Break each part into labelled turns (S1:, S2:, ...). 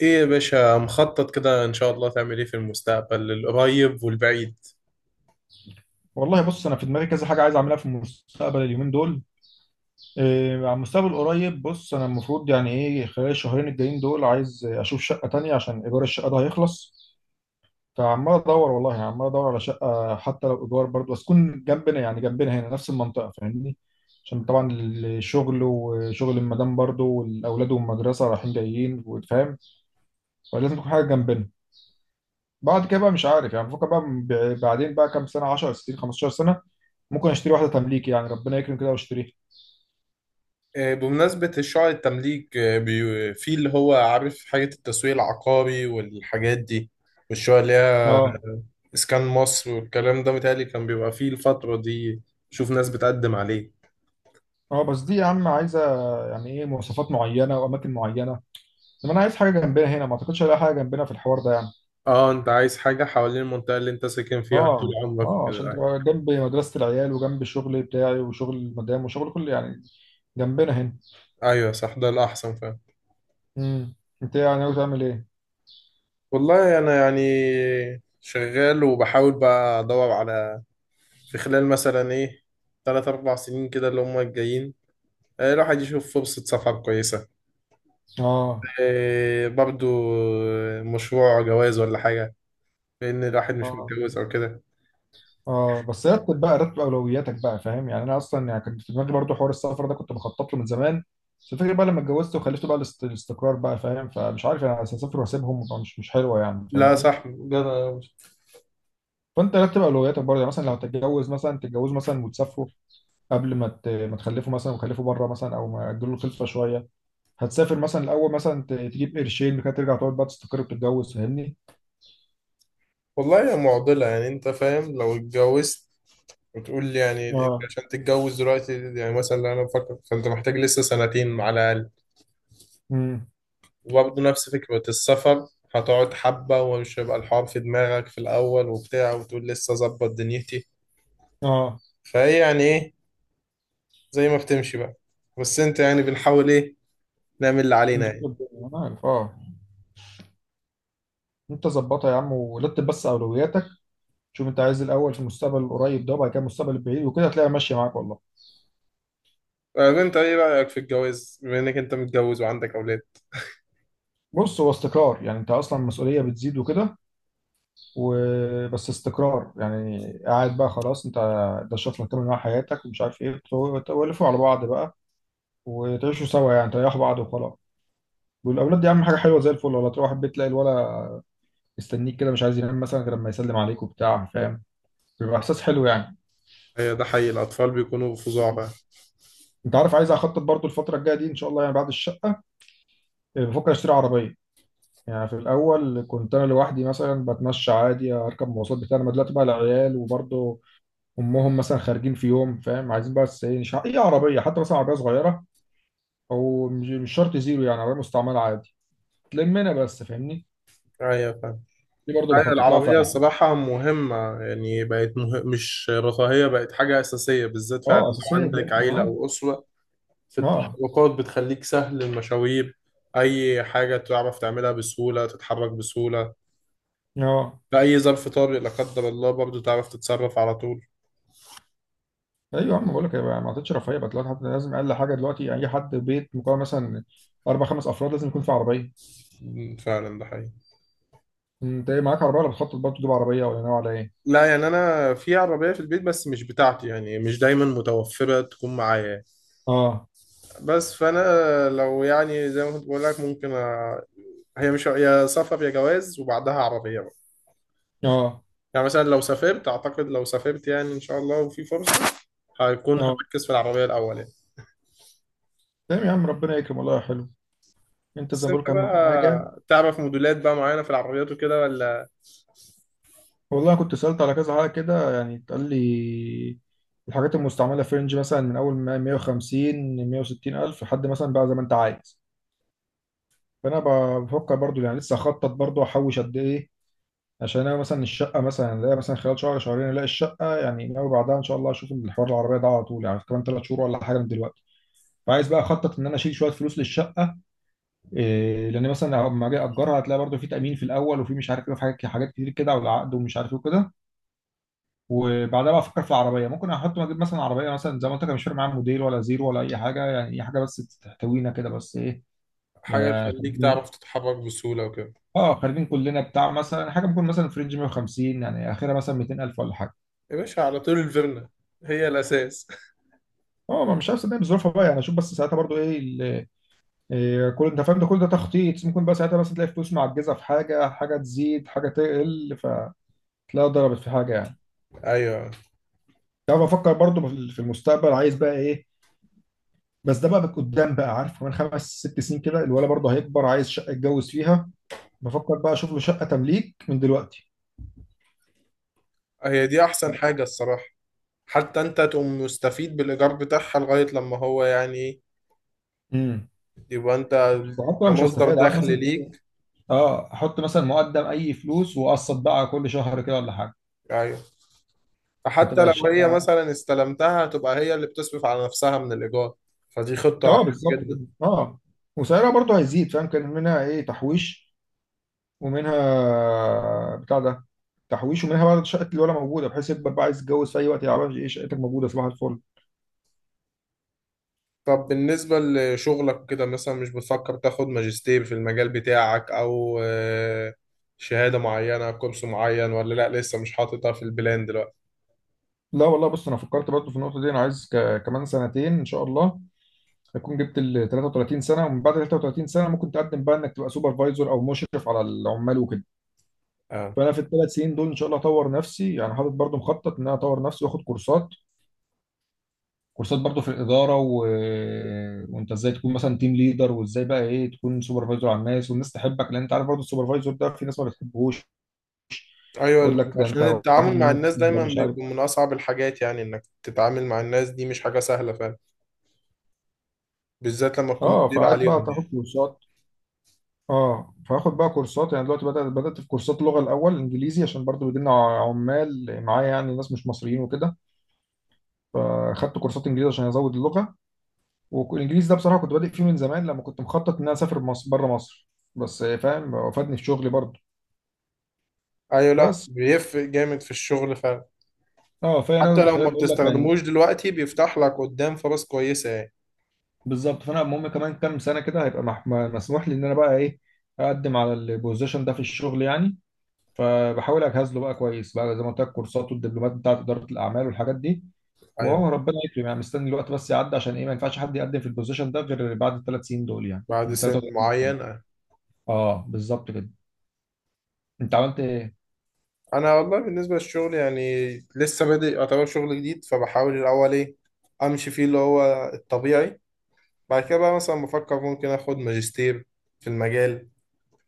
S1: ايه يا باشا، مخطط كده ان شاء الله تعمل ايه في المستقبل القريب والبعيد؟
S2: والله بص انا في دماغي كذا حاجه عايز اعملها في المستقبل اليومين دول. إيه على المستقبل القريب، بص انا المفروض يعني ايه خلال الشهرين الجايين دول عايز اشوف شقه تانية عشان ايجار الشقه ده هيخلص. فعمال ادور والله، يعني عمال ادور على شقه حتى لو ايجار برضه، بس تكون جنبنا، يعني جنبنا هنا نفس المنطقه فاهمني. عشان طبعا الشغل وشغل المدام برضه والاولاد والمدرسه رايحين جايين وفاهم. فلازم تكون حاجه جنبنا. بعد كده بقى مش عارف يعني، بفكر بقى بعدين بقى كام سنه، 10 سنين 15 سنه، ممكن اشتري واحده تمليك يعني، ربنا يكرم كده واشتريها.
S1: آه، بمناسبة الشعر التمليك، آه، في اللي هو عارف حاجة التسويق العقاري والحاجات دي، والشعر اللي هي
S2: اه.
S1: اسكان مصر والكلام ده، متهيألي كان بيبقى فيه الفترة دي. شوف ناس بتقدم عليه.
S2: اه بس دي يا عم عايزه يعني ايه، مواصفات معينه واماكن معينه. طب انا عايز حاجه جنبنا هنا، ما اعتقدش الاقي حاجه جنبنا في الحوار ده يعني.
S1: اه، انت عايز حاجة حوالين المنطقة اللي انت ساكن فيها طول
S2: اه.
S1: عمرك
S2: اه عشان
S1: وكده.
S2: تبقى جنب مدرسه العيال وجنب الشغل بتاعي وشغل المدام وشغل كل يعني، جنبنا هنا.
S1: آه. ايوه، صح، ده الأحسن فعلا.
S2: امم. انت يعني ناوي تعمل ايه؟
S1: والله انا يعني شغال وبحاول بقى ادور على، في خلال مثلا ايه، تلات أربع سنين كده اللي هم الجايين. آه، الواحد يشوف فرصة سفر كويسة.
S2: اه.
S1: آه، برضو. آه، مشروع جواز ولا حاجة، لأن الواحد مش
S2: اه.
S1: متجوز أو كده.
S2: اه بس رتب بقى، رتب اولوياتك بقى فاهم. يعني انا اصلا يعني كان في دماغي برضو حوار السفر ده، كنت بخطط له من زمان. بس الفكره بقى لما اتجوزت وخلفت بقى الاستقرار بقى فاهم. فمش عارف انا هسافر واسيبهم، طبعاً مش حلوه يعني
S1: لا،
S2: فاهمني.
S1: صح جدع.
S2: فانت رتب اولوياتك برضو، يعني مثلا لو هتتجوز مثلا تتجوزوا مثلا وتسافروا قبل ما ما تخلفوا مثلا، وتخلفوا بره مثلا، او ما تجيلوا الخلفه شويه. هتسافر مثلا الاول مثلا تجيب قرشين، بعد كده ترجع تقعد بقى تستقر وتتجوز فاهمني.
S1: والله هي معضلة، يعني أنت فاهم لو اتجوزت، وتقول لي يعني أنت
S2: اه.
S1: عشان تتجوز دلوقتي، يعني مثلا لو أنا بفكر فأنت محتاج لسه سنتين على الأقل.
S2: امم.
S1: وبرضه نفس فكرة السفر، هتقعد حبة ومش هيبقى الحوار في دماغك في الأول وبتاع، وتقول لسه أظبط دنيتي.
S2: اه
S1: فهي يعني إيه، زي ما بتمشي بقى. بس انت يعني بنحاول ايه نعمل اللي علينا
S2: نظبط
S1: يعني.
S2: الدنيا. انا عارف. اه انت ظبطها يا عم، ورتب بس اولوياتك. شوف انت عايز الاول في المستقبل القريب ده، وبعد كده المستقبل البعيد، وكده هتلاقيها ماشيه معاك والله.
S1: طيب انت ايه رأيك في الجواز بما انك انت متجوز وعندك اولاد؟
S2: بص هو استقرار يعني، انت اصلا المسؤوليه بتزيد وكده، وبس استقرار يعني قاعد بقى خلاص. انت ده الشخص اللي هتكمل معاه حياتك ومش عارف ايه، تولفوا على بعض بقى وتعيشوا سوا، يعني تريحوا بعض وخلاص. والاولاد دي اهم حاجه، حلوه زي الفل والله. تروح البيت تلاقي الولد مستنيك كده، مش عايز ينام مثلا غير لما يسلم عليك وبتاع فاهم. بيبقى احساس حلو يعني.
S1: هي ده حقيقي، الاطفال بيكونوا فظاع بقى.
S2: انت عارف عايز اخطط برضو الفتره الجايه دي ان شاء الله، يعني بعد الشقه بفكر اشتري عربيه. يعني في الأول كنت أنا لوحدي مثلا بتمشى عادي، أركب مواصلات بتاع. أنا دلوقتي بقى العيال وبرضه أمهم مثلا خارجين في يوم فاهم، عايزين بس إيه، أي عربية حتى، مثلا عربية صغيرة، أو مش شرط زيرو يعني، عربية مستعملة عادي تلمنا بس فاهمني.
S1: ايوه فاهم.
S2: دي برضه
S1: ايوه
S2: بخطط لها
S1: العربية
S2: فعلا.
S1: الصراحة مهمة، يعني بقت مش رفاهية، بقت حاجة أساسية، بالذات فعلا
S2: أه
S1: لو
S2: أساسية
S1: عندك
S2: دلوقتي، ما أنا
S1: عيلة
S2: عارف.
S1: أو أسرة. في
S2: أه.
S1: التحركات بتخليك سهل المشاوير، أي حاجة تعرف تعملها بسهولة، تتحرك بسهولة
S2: أه.
S1: في أي ظرف طارئ لا قدر الله، برضه تعرف تتصرف على طول.
S2: أيوه يا عم بقول لك، ما عادتش رفاهية بقى دلوقتي. حتى لازم أقل حاجة دلوقتي، أي حد بيت مكون مثلا أربع خمس أفراد لازم يكون في عربية.
S1: فعلا ده حقيقي.
S2: أنت إيه، معاك عربية ولا بتخطط برضه تجيب عربية، ولا ناوي على إيه؟
S1: لا يعني انا في عربيه في البيت بس مش بتاعتي، يعني مش دايما متوفره تكون معايا.
S2: أه.
S1: بس فانا لو يعني زي ما كنت بقول لك ممكن. هي مش يا سفر يا جواز وبعدها عربيه بقى.
S2: أه.
S1: يعني مثلا لو سافرت اعتقد لو سافرت يعني ان شاء الله وفي فرصه، هيكون
S2: أه
S1: هركز في العربيه الاول يعني.
S2: تمام يا عم، ربنا يكرم والله يا حلو. انت زي
S1: بس
S2: ما بقول
S1: انت
S2: كام حاجه.
S1: بقى تعرف موديلات بقى معينه في العربيات وكده ولا،
S2: والله كنت سالت على كذا حاجه كده يعني، اتقال لي الحاجات المستعمله في رينج مثلا من اول ما 150 160 الف لحد مثلا بقى زي ما انت عايز. فانا بفكر برضو، يعني لسه اخطط برضو احوش قد ايه. عشان انا مثلا الشقه، مثلا الاقي مثلا خلال شهر شهرين الاقي الشقه، يعني ناوي بعدها ان شاء الله اشوف الحوار العربيه ده على طول يعني، كمان 3 شهور ولا حاجه من دلوقتي. فعايز بقى اخطط ان انا اشيل شويه فلوس للشقه. إيه، لان مثلا لما اجي اجرها هتلاقي برضو في تامين في الاول، وفي مش عارف ايه، في حاجات حاجات كتير كده، والعقد ومش عارف ايه وكده. وبعدها بقى افكر في العربيه، ممكن احط اجيب مثلا عربيه مثلا زي ما قلت لك، مش فارق معايا موديل ولا زيرو ولا اي حاجه، يعني اي حاجه بس تحتوينا كده، بس ايه،
S1: حاجه
S2: يا
S1: تخليك
S2: خارجين.
S1: تعرف تتحرك بسهوله وكده؟
S2: اه خارجين كلنا بتاع مثلا، حاجه ممكن مثلا في رينج 150، يعني اخرها مثلا 200,000 ولا حاجه.
S1: يا باشا على طول الفيرنا هي الاساس.
S2: اه ما مش عارف صدقني، بظروفها بقى يعني، اشوف بس ساعتها برضو ايه، إيه. كل انت فاهم ده كل ده تخطيط، ممكن بقى ساعتها مثلا تلاقي فلوس معجزه في حاجه، حاجه تزيد حاجه تقل، فتلاقيها ضربت في حاجه يعني.
S1: ايوه
S2: تعرف افكر برضو في المستقبل عايز بقى ايه. بس ده بقى قدام بقى، عارف كمان خمس ست سنين كده الولد برضه هيكبر عايز شقه يتجوز فيها. بفكر بقى اشوف له شقه تمليك من دلوقتي.
S1: هي دي احسن حاجه الصراحه. حتى انت تقوم مستفيد بالايجار بتاعها لغايه لما هو يعني ايه،
S2: امم.
S1: يبقى انت
S2: وحتى مش
S1: كمصدر
S2: هستفاد، عارف
S1: دخل
S2: مثلا ايه،
S1: ليك.
S2: اه احط مثلا مقدم اي فلوس واقسط بقى كل شهر كده ولا حاجه،
S1: ايوه، فحتى
S2: فتبقى
S1: لو هي
S2: الشقه.
S1: مثلا استلمتها، هتبقى هي اللي بتصرف على نفسها من الايجار، فدي خطه حلوه
S2: اه بالظبط كده.
S1: جدا.
S2: اه وسعرها برضه هيزيد فاهم، كان منها ايه، تحويش ومنها بتاع ده، تحويش ومنها بقى شقه الولد موجوده، بحيث يكبر بقى عايز يتجوز في اي وقت، يعرف ايه شقتك موجوده صباح الفل.
S1: طب بالنسبه لشغلك كده، مثلا مش بتفكر تاخد ماجستير في المجال بتاعك، او آه، شهاده معينه، كورس معين، ولا لا لسه مش حاططها في البلان دلوقتي؟
S2: لا والله بص انا فكرت برضو في النقطه دي، انا عايز كمان سنتين ان شاء الله اكون جبت ال 33 سنه، ومن بعد 33 سنه ممكن تقدم بقى انك تبقى سوبرفايزر او مشرف على العمال وكده.
S1: آه.
S2: فانا في ال 3 سنين دول ان شاء الله اطور نفسي، يعني حاطط برضو مخطط ان انا اطور نفسي واخد كورسات. كورسات برضو في الاداره وانت ازاي تكون مثلا تيم ليدر، وازاي بقى ايه تكون سوبرفايزر على الناس، والناس تحبك، لان انت عارف برضو السوبرفايزر ده في ناس ما بتحبهوش. تقول
S1: ايوه،
S2: لك ده
S1: عشان
S2: انت واحد
S1: التعامل
S2: من
S1: مع
S2: الناس
S1: الناس
S2: ده،
S1: دايما
S2: مش عارف.
S1: بيكون من اصعب الحاجات، يعني انك تتعامل مع الناس دي مش حاجه سهله فعلا، بالذات لما تكون
S2: اه
S1: مدير
S2: فقعدت بقى
S1: عليهم
S2: تاخد
S1: يعني.
S2: كورسات. اه فاخد بقى كورسات، يعني دلوقتي بدأت في كورسات لغة، الأول إنجليزي عشان برضو بيجي لنا عمال معايا يعني ناس مش مصريين وكده. فاخدت كورسات إنجليزي عشان أزود اللغة. والإنجليزي ده بصراحة كنت بادئ فيه من زمان، لما كنت مخطط إن أنا أسافر مصر بره مصر. بس فاهم وفادني في شغلي برضو.
S1: ايوه، لا
S2: بس
S1: بيفرق جامد في الشغل فعلا.
S2: اه، فأنا
S1: حتى
S2: أنا
S1: لو
S2: خليني
S1: ما
S2: بقول لك يعني،
S1: بتستخدموش دلوقتي، بيفتح لك قدام فرص كويسه يعني.
S2: بالظبط. فأنا المهم كمان كام سنة كده، هيبقى مسموح لي إن أنا بقى إيه، أقدم على البوزيشن ده في الشغل يعني. فبحاول اجهز له بقى كويس بقى، زي ما قلت لك كورسات والدبلومات بتاعت اداره الاعمال والحاجات دي.
S1: ايوه.
S2: وهو ربنا يكرم يعني، مستني الوقت بس يعدي، عشان ايه ما ينفعش حد يقدم في البوزيشن ده غير بعد ال 3 سنين دول، يعني
S1: بعد
S2: كنت
S1: سن
S2: 33 سنه.
S1: معين، أيوة.
S2: اه بالظبط كده. انت عملت ايه؟
S1: انا والله بالنسبه للشغل يعني، لسه بادئ، يعتبر شغل جديد، فبحاول الاول ايه، امشي فيه اللي هو الطبيعي. بعد كده بقى مثلا بفكر ممكن اخد ماجستير في المجال،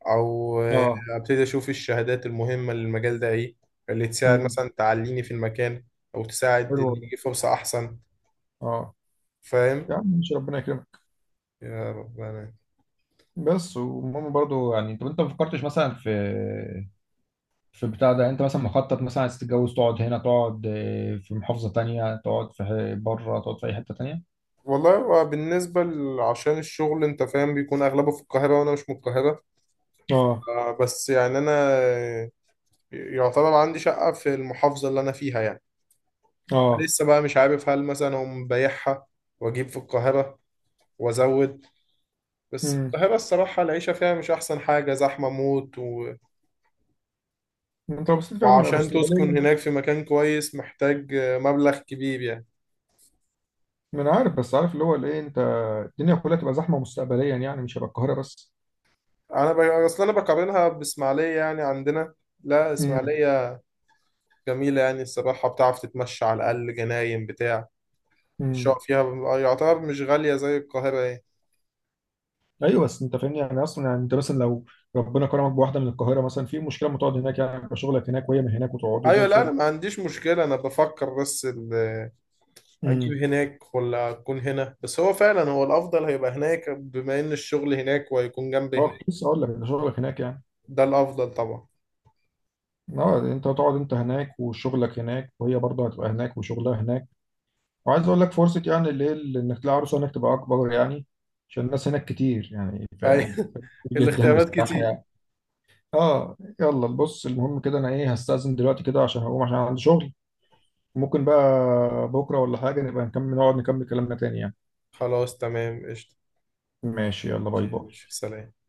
S1: او آه،
S2: اه.
S1: ابتدي اشوف الشهادات المهمه للمجال ده ايه، اللي تساعد
S2: امم.
S1: مثلا تعليني في المكان، او تساعد
S2: حلو
S1: ان
S2: والله.
S1: يجي فرصه احسن.
S2: اه
S1: فاهم.
S2: يا عم ماشي، ربنا يكرمك.
S1: يا ربنا.
S2: بس وماما برضو يعني، طب انت ما فكرتش مثلا في، في بتاع ده، انت مثلا مخطط مثلا عايز تتجوز تقعد هنا، تقعد في محافظه تانية، تقعد في بره، تقعد في اي حته تانية.
S1: والله هو عشان الشغل انت فاهم بيكون اغلبه في القاهره، وانا مش من القاهره.
S2: اه.
S1: آه، بس يعني انا آه، يعتبر عندي شقه في المحافظه اللي انا فيها يعني.
S2: اه.
S1: لسه بقى مش عارف هل مثلا هم بايعها واجيب في القاهره وازود. بس
S2: امم.
S1: القاهره الصراحه العيشه فيها مش احسن حاجه، زحمه موت،
S2: انت لو بصيت فيها
S1: وعشان تسكن
S2: مستقبليا،
S1: هناك في مكان كويس محتاج مبلغ كبير يعني.
S2: ما انا عارف بس عارف اللي هو الايه. انت الدنيا كلها تبقى زحمه مستقبليا يعني، مش هيبقى القاهره بس.
S1: اصل انا بقارنها باسماعيليه يعني. عندنا، لا
S2: امم.
S1: اسماعيليه جميله يعني الصراحه، بتعرف تتمشى على الاقل، جناين بتاع،
S2: امم.
S1: الشقق فيها يعتبر مش غاليه زي القاهره يعني.
S2: ايوه بس انت فاهمني يعني اصلا، يعني انت مثلا لو ربنا كرمك بواحده من القاهره مثلا، في مشكله ما تقعد هناك يعني، يبقى شغلك هناك وهي من هناك، وتقعدوا زي
S1: ايوه، لا انا
S2: الفل.
S1: ما عنديش مشكله، انا بفكر بس
S2: امم.
S1: اجيب هناك ولا اكون هنا، بس هو فعلا هو الافضل هيبقى هناك بما ان الشغل هناك وهيكون جنب
S2: اه كنت
S1: هناك.
S2: لسه اقول لك ده شغلك هناك يعني.
S1: ده الافضل طبعا.
S2: اه انت تقعد انت هناك، وشغلك هناك، وهي برضه هتبقى هناك وشغلها هناك. وعايز اقول لك فرصه يعني، اللي هي اللي انك تلاقي عروسه هناك تبقى اكبر، يعني عشان الناس هناك كتير يعني
S1: اي.
S2: فاهم، كتير جدا
S1: الاختيارات
S2: بصراحه
S1: كتير.
S2: يعني. اه يلا بص، المهم كده انا ايه، هستأذن دلوقتي كده عشان هقوم، عشان عندي شغل. ممكن بقى بكرة ولا حاجة نبقى نكمل، نقعد نكمل كلامنا تاني يعني.
S1: خلاص تمام، قشطة.
S2: ماشي يلا،
S1: ماشي
S2: باي
S1: يا
S2: باي.
S1: باشا، سلام.